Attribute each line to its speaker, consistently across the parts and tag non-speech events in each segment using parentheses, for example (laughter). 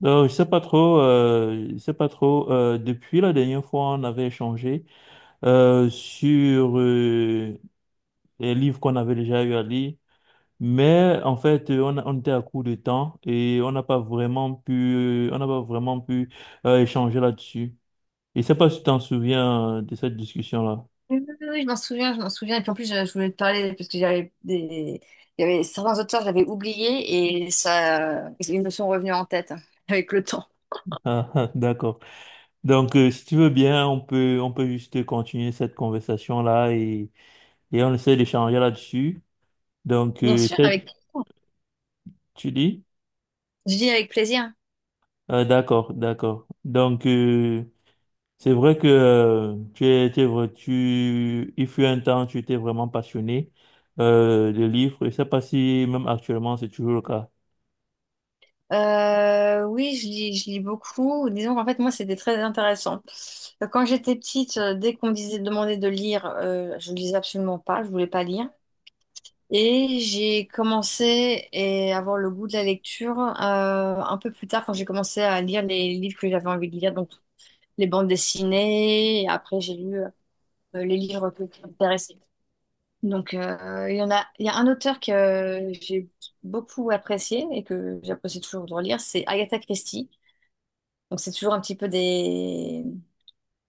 Speaker 1: Non, je sais pas trop, je sais pas trop. Depuis la dernière fois, on avait échangé sur les livres qu'on avait déjà eu à lire, mais en fait, on était à court de temps et on n'a pas vraiment pu échanger là-dessus. Et je sais pas si tu t'en souviens de cette discussion-là.
Speaker 2: Oui, oui, oui, oui, je m'en souviens, je m'en souviens. Et puis en plus, je voulais te parler parce que j'avais des... il y avait certains auteurs, j'avais oublié et ça, ils me sont revenus en tête (laughs) hein, avec le temps.
Speaker 1: Ah, (laughs) ah, d'accord. Donc, si tu veux bien, on peut juste continuer cette conversation-là, et on essaie d'échanger là-dessus. Donc,
Speaker 2: Bien sûr, avec,
Speaker 1: tu dis?
Speaker 2: je lis avec plaisir.
Speaker 1: D'accord, d'accord. Donc, c'est vrai que tu es il fut un temps, tu étais vraiment passionné de livres. Je ne sais pas si même actuellement c'est toujours le cas.
Speaker 2: Oui, je lis beaucoup. Disons qu'en fait, moi, c'était très intéressant. Quand j'étais petite, dès qu'on me demandait de lire, je ne lisais absolument pas, je voulais pas lire. Et à avoir le goût de la lecture un peu plus tard quand j'ai commencé à lire les livres que j'avais envie de lire. Donc, les bandes dessinées, et après j'ai lu qui m'intéressaient. Il y a un auteur que j'ai beaucoup apprécié et que j'apprécie toujours de relire, c'est Agatha Christie. Donc c'est toujours un petit peu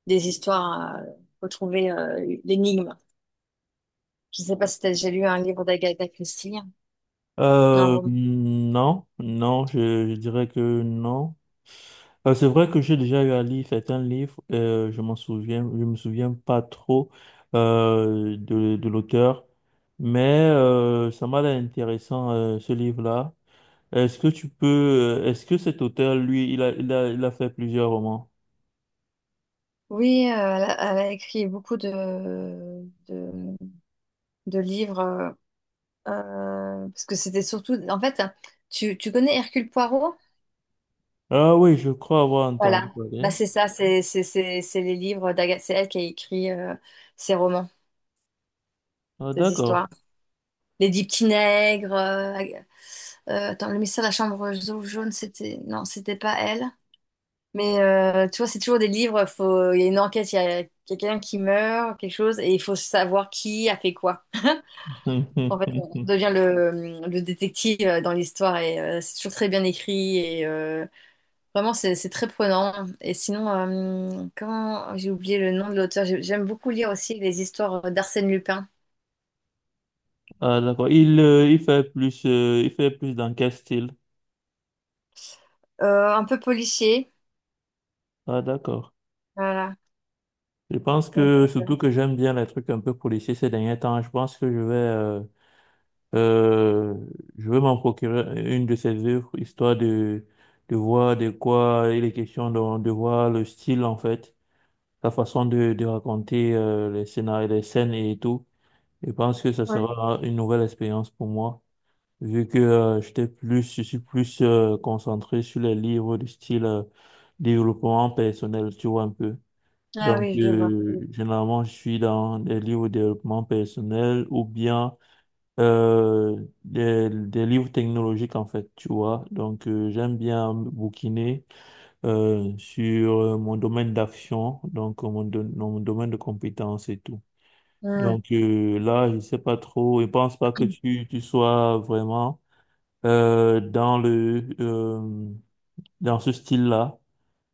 Speaker 2: des histoires à retrouver, l'énigme. Je ne sais pas si tu as déjà lu un livre d'Agatha Christie, un roman.
Speaker 1: Non, non, je dirais que non. C'est vrai que j'ai déjà eu à lire certains livres, je m'en souviens, je me souviens pas trop de l'auteur, mais ça m'a l'air intéressant ce livre-là. Est-ce que cet auteur, lui, il a fait plusieurs romans?
Speaker 2: Oui, elle a écrit beaucoup de livres, parce que c'était surtout, en fait, tu connais Hercule Poirot?
Speaker 1: Ah oui, je crois avoir entendu
Speaker 2: Voilà, bah,
Speaker 1: parler.
Speaker 2: c'est ça, c'est les livres d'Agathe, c'est elle qui a écrit ses romans,
Speaker 1: Ah,
Speaker 2: ses
Speaker 1: d'accord.
Speaker 2: histoires. Les Dix Petits Nègres, attends, le mystère de la chambre jaune, non, c'était pas elle. Mais tu vois, c'est toujours des livres, faut... il y a une enquête, il y a quelqu'un qui meurt, quelque chose, et il faut savoir qui a fait quoi. En fait, on
Speaker 1: (laughs)
Speaker 2: devient le détective dans l'histoire, et c'est toujours très bien écrit. Vraiment, c'est très prenant. Et sinon, comment j'ai oublié le nom de l'auteur. J'aime beaucoup lire aussi les histoires d'Arsène Lupin.
Speaker 1: Ah, d'accord. Il, il fait plus dans quel style?
Speaker 2: Un peu policier.
Speaker 1: Ah, d'accord.
Speaker 2: Voilà.
Speaker 1: Je pense
Speaker 2: Donc,
Speaker 1: que surtout que j'aime bien les trucs un peu policiers ces derniers temps. Je pense que euh, je vais m'en procurer une de ses œuvres, histoire de voir de quoi il est question, de voir le style en fait. Ta façon de raconter les scénarios, les scènes et tout. Je pense que ça sera une nouvelle expérience pour moi, vu que je suis plus concentré sur les livres du style développement personnel, tu vois un peu.
Speaker 2: ah
Speaker 1: Donc,
Speaker 2: oui, je vois.
Speaker 1: généralement, je suis dans des livres de développement personnel ou bien des livres technologiques, en fait, tu vois. Donc, j'aime bien bouquiner sur mon domaine d'action, donc mon domaine de compétences et tout.
Speaker 2: Hmm.
Speaker 1: Donc, là, je sais pas trop, je pense pas que tu sois vraiment euh, dans le euh, dans ce style-là.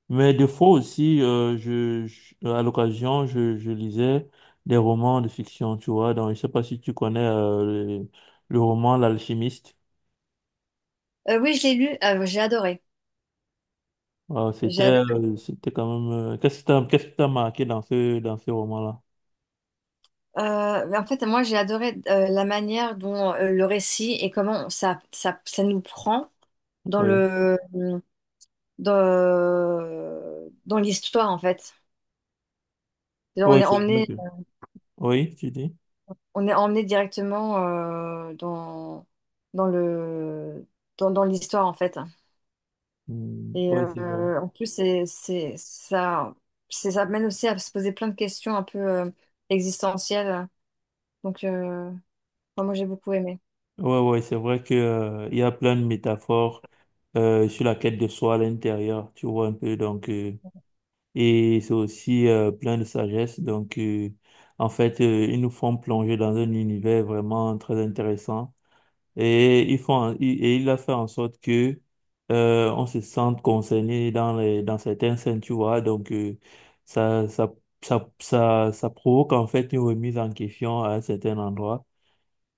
Speaker 1: Mais des fois aussi, à l'occasion, je lisais des romans de fiction, tu vois. Donc je sais pas si tu connais le, le roman L'Alchimiste.
Speaker 2: Oui, je l'ai lu. Ah, j'ai adoré. J'ai adoré.
Speaker 1: C'était quand même euh, qu'est-ce que t'as marqué dans ce roman-là?
Speaker 2: Mais en fait, moi, j'ai adoré la manière dont le récit et comment ça nous prend dans
Speaker 1: Oui.
Speaker 2: le dans, dans l'histoire, en fait. On
Speaker 1: Oui,
Speaker 2: est
Speaker 1: c'est vrai
Speaker 2: emmené
Speaker 1: que… Oui, tu dis?
Speaker 2: on est emmené directement euh, dans, dans le, dans l'histoire, en fait.
Speaker 1: Hmm.
Speaker 2: Et
Speaker 1: Oui, c'est vrai.
Speaker 2: en plus, ça mène aussi à se poser plein de questions un peu existentielles. Donc, euh, enfin, moi, j'ai beaucoup aimé.
Speaker 1: Ouais, ouais, c'est vrai que, il y a plein de métaphores sur la quête de soi à l'intérieur, tu vois un peu. Donc, et c'est aussi plein de sagesse. Donc, ils nous font plonger dans un univers vraiment très intéressant. Et ils font, et il a fait en sorte que on se sente concerné dans dans certaines scènes, tu vois. Donc, ça, ça, ça provoque en fait une remise en question à un certain endroit.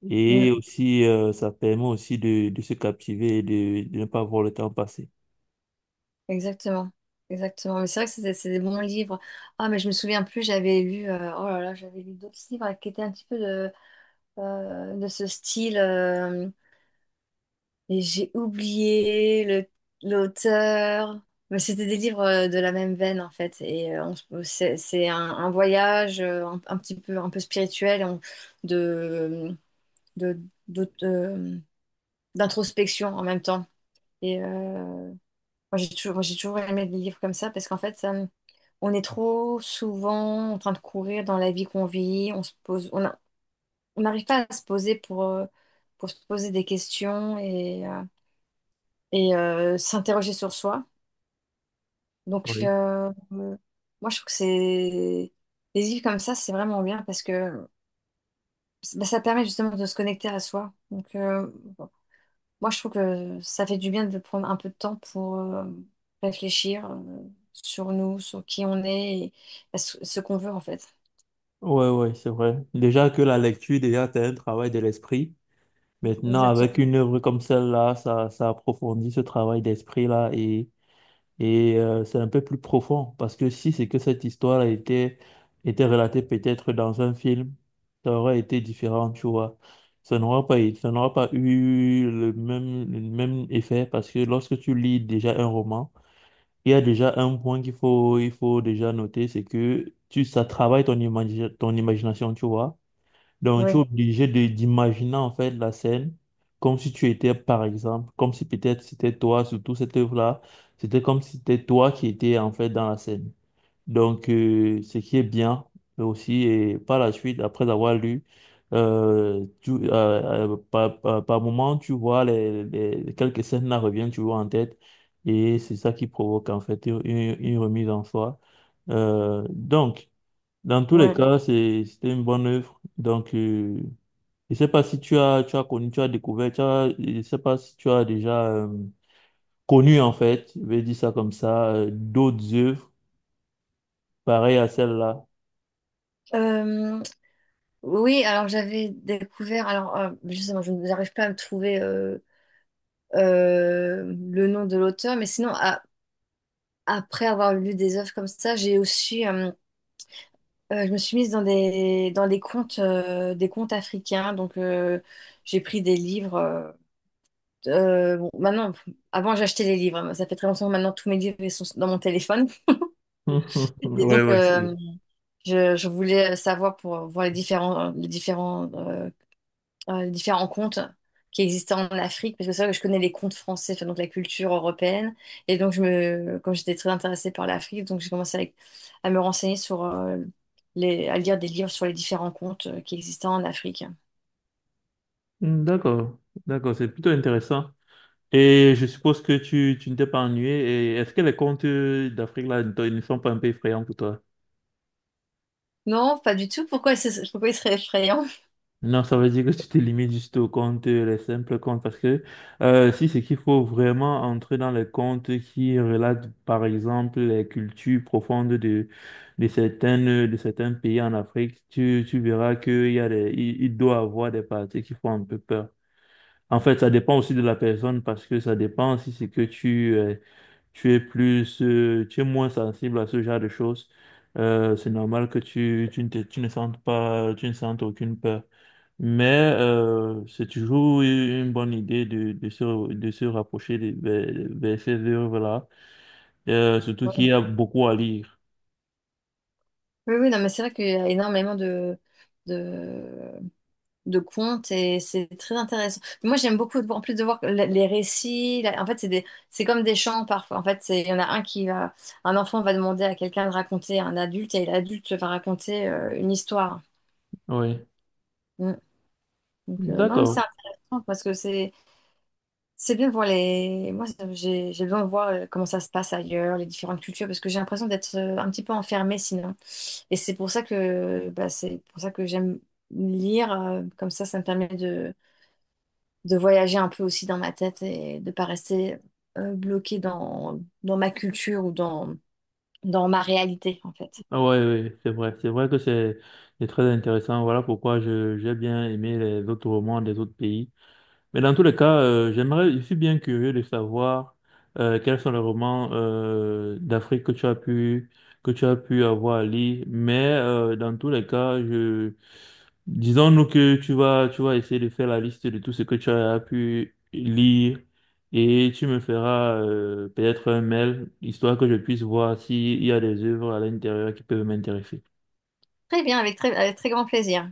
Speaker 1: Et
Speaker 2: Mm,
Speaker 1: aussi, ça permet aussi de se captiver et de ne pas voir le temps passer.
Speaker 2: exactement. Exactement. Mais c'est vrai que c'est des bons livres. Ah, mais je me souviens plus, j'avais lu, oh là là, j'avais lu d'autres livres qui étaient un petit peu de ce style. Et j'ai oublié l'auteur. Mais c'était des livres de la même veine en fait. Et c'est un voyage un petit peu un peu spirituel de, de- d'aut- euh, d'introspection en même temps. Et moi, j'ai toujours aimé les livres comme ça parce qu'en fait on est trop souvent en train de courir dans la vie qu'on vit. On n'arrive pas à se poser pour se poser des questions et s'interroger sur soi.
Speaker 1: Oui.
Speaker 2: Moi, je trouve que c'est... Les livres comme ça, c'est vraiment bien parce que bah, ça permet justement de se connecter à soi. Bon, moi, je trouve que ça fait du bien de prendre un peu de temps pour réfléchir sur nous, sur qui on est et bah, ce qu'on veut, en fait.
Speaker 1: Ouais, ouais, c'est vrai. Déjà que la lecture, déjà, c'est un travail de l'esprit. Maintenant, avec
Speaker 2: Exactement.
Speaker 1: une œuvre comme celle-là, ça approfondit ce travail d'esprit-là. Et c'est un peu plus profond, parce que si c'est que cette histoire a été, était relatée peut-être dans un film, ça aurait été différent, tu vois. Ça n'aura pas eu le même effet, parce que lorsque tu lis déjà un roman, il y a déjà un point il faut déjà noter, c'est que ça travaille ton imagination, tu vois. Donc, tu es
Speaker 2: Oui,
Speaker 1: obligé de d'imaginer en fait la scène comme si tu étais, par exemple, comme si peut-être c'était toi, surtout cette œuvre-là, c'était comme si c'était toi qui étais en fait dans la scène. Donc, ce qui est bien, mais aussi, et par la suite, après avoir lu, par moment, tu vois quelques scènes là reviennent, tu vois en tête, et c'est ça qui provoque en fait une remise en soi. Donc, dans tous les
Speaker 2: ouais.
Speaker 1: cas, c'était une bonne œuvre. Donc, je sais pas si tu as, tu as connu, tu as découvert, tu as, je sais pas si tu as déjà connu en fait, je vais dire ça comme ça, d'autres œuvres pareilles à celle-là.
Speaker 2: Euh, oui, alors j'avais découvert... Alors, justement, je n'arrive pas à me trouver... euh, le nom de l'auteur, mais sinon, ah, après avoir lu des œuvres comme ça, j'ai aussi, je me suis mise dans des contes africains. J'ai pris des livres. Bon, maintenant, avant, j'achetais les livres, hein. Ça fait très longtemps que maintenant, tous mes livres ils sont dans mon téléphone.
Speaker 1: (laughs)
Speaker 2: (laughs) Et
Speaker 1: Ouais,
Speaker 2: donc,
Speaker 1: ouais, c'est…
Speaker 2: je voulais savoir pour voir les différents différents contes qui existaient en Afrique, parce que c'est vrai que je connais les contes français, enfin, donc la culture européenne. Et donc, comme j'étais très intéressée par l'Afrique, donc j'ai commencé à me renseigner sur à lire des livres sur les différents contes qui existaient en Afrique.
Speaker 1: Hmm. D'accord, d'accord, c'est plutôt intéressant. Et je suppose que tu ne t'es pas ennuyé. Et est-ce que les contes d'Afrique là ne sont pas un peu effrayants pour toi?
Speaker 2: Non, pas du tout. Pourquoi il serait effrayant?
Speaker 1: Non, ça veut dire que tu te limites juste aux comptes, les simples comptes, parce que si c'est qu'il faut vraiment entrer dans les comptes qui relatent, par exemple, les cultures profondes de certaines, de certains pays en Afrique, tu verras qu'il y a il doit avoir des parties qui font un peu peur. En fait, ça dépend aussi de la personne, parce que ça dépend si c'est que tu es moins sensible à ce genre de choses. C'est normal que tu ne sentes pas, tu ne sentes aucune peur. Mais c'est toujours une bonne idée de, de se rapprocher vers ces œuvres-là. Surtout qu'il
Speaker 2: Ouais.
Speaker 1: y a beaucoup à lire.
Speaker 2: Oui, oui, non, mais c'est vrai qu'il y a énormément de contes et c'est très intéressant. Moi, j'aime beaucoup, en plus de voir les récits, en fait, c'est comme des chants parfois. En fait, c'est, il y en a un qui va, un enfant va demander à quelqu'un de raconter à un adulte et l'adulte va raconter une histoire.
Speaker 1: Oui,
Speaker 2: Mm. Non, mais c'est
Speaker 1: d'accord.
Speaker 2: intéressant parce que c'est bien de voir les, moi, j'ai besoin de voir comment ça se passe ailleurs, les différentes cultures, parce que j'ai l'impression d'être un petit peu enfermée sinon. Et c'est pour ça que, bah, c'est pour ça que j'aime lire, comme ça me permet de voyager un peu aussi dans ma tête et de pas rester bloquée dans ma culture ou dans ma réalité, en fait.
Speaker 1: Ah ouais, ouais, c'est vrai. C'est vrai que c'est très intéressant. Voilà pourquoi j'ai bien aimé les autres romans des autres pays. Mais dans tous les cas, j'aimerais, je suis bien curieux de savoir quels sont les romans d'Afrique que tu as pu avoir à lire. Mais dans tous les cas, je disons-nous que tu vas essayer de faire la liste de tout ce que tu as pu lire, et tu me feras peut-être un mail, histoire que je puisse voir s'il y a des œuvres à l'intérieur qui peuvent m'intéresser.
Speaker 2: Très bien, avec très grand plaisir.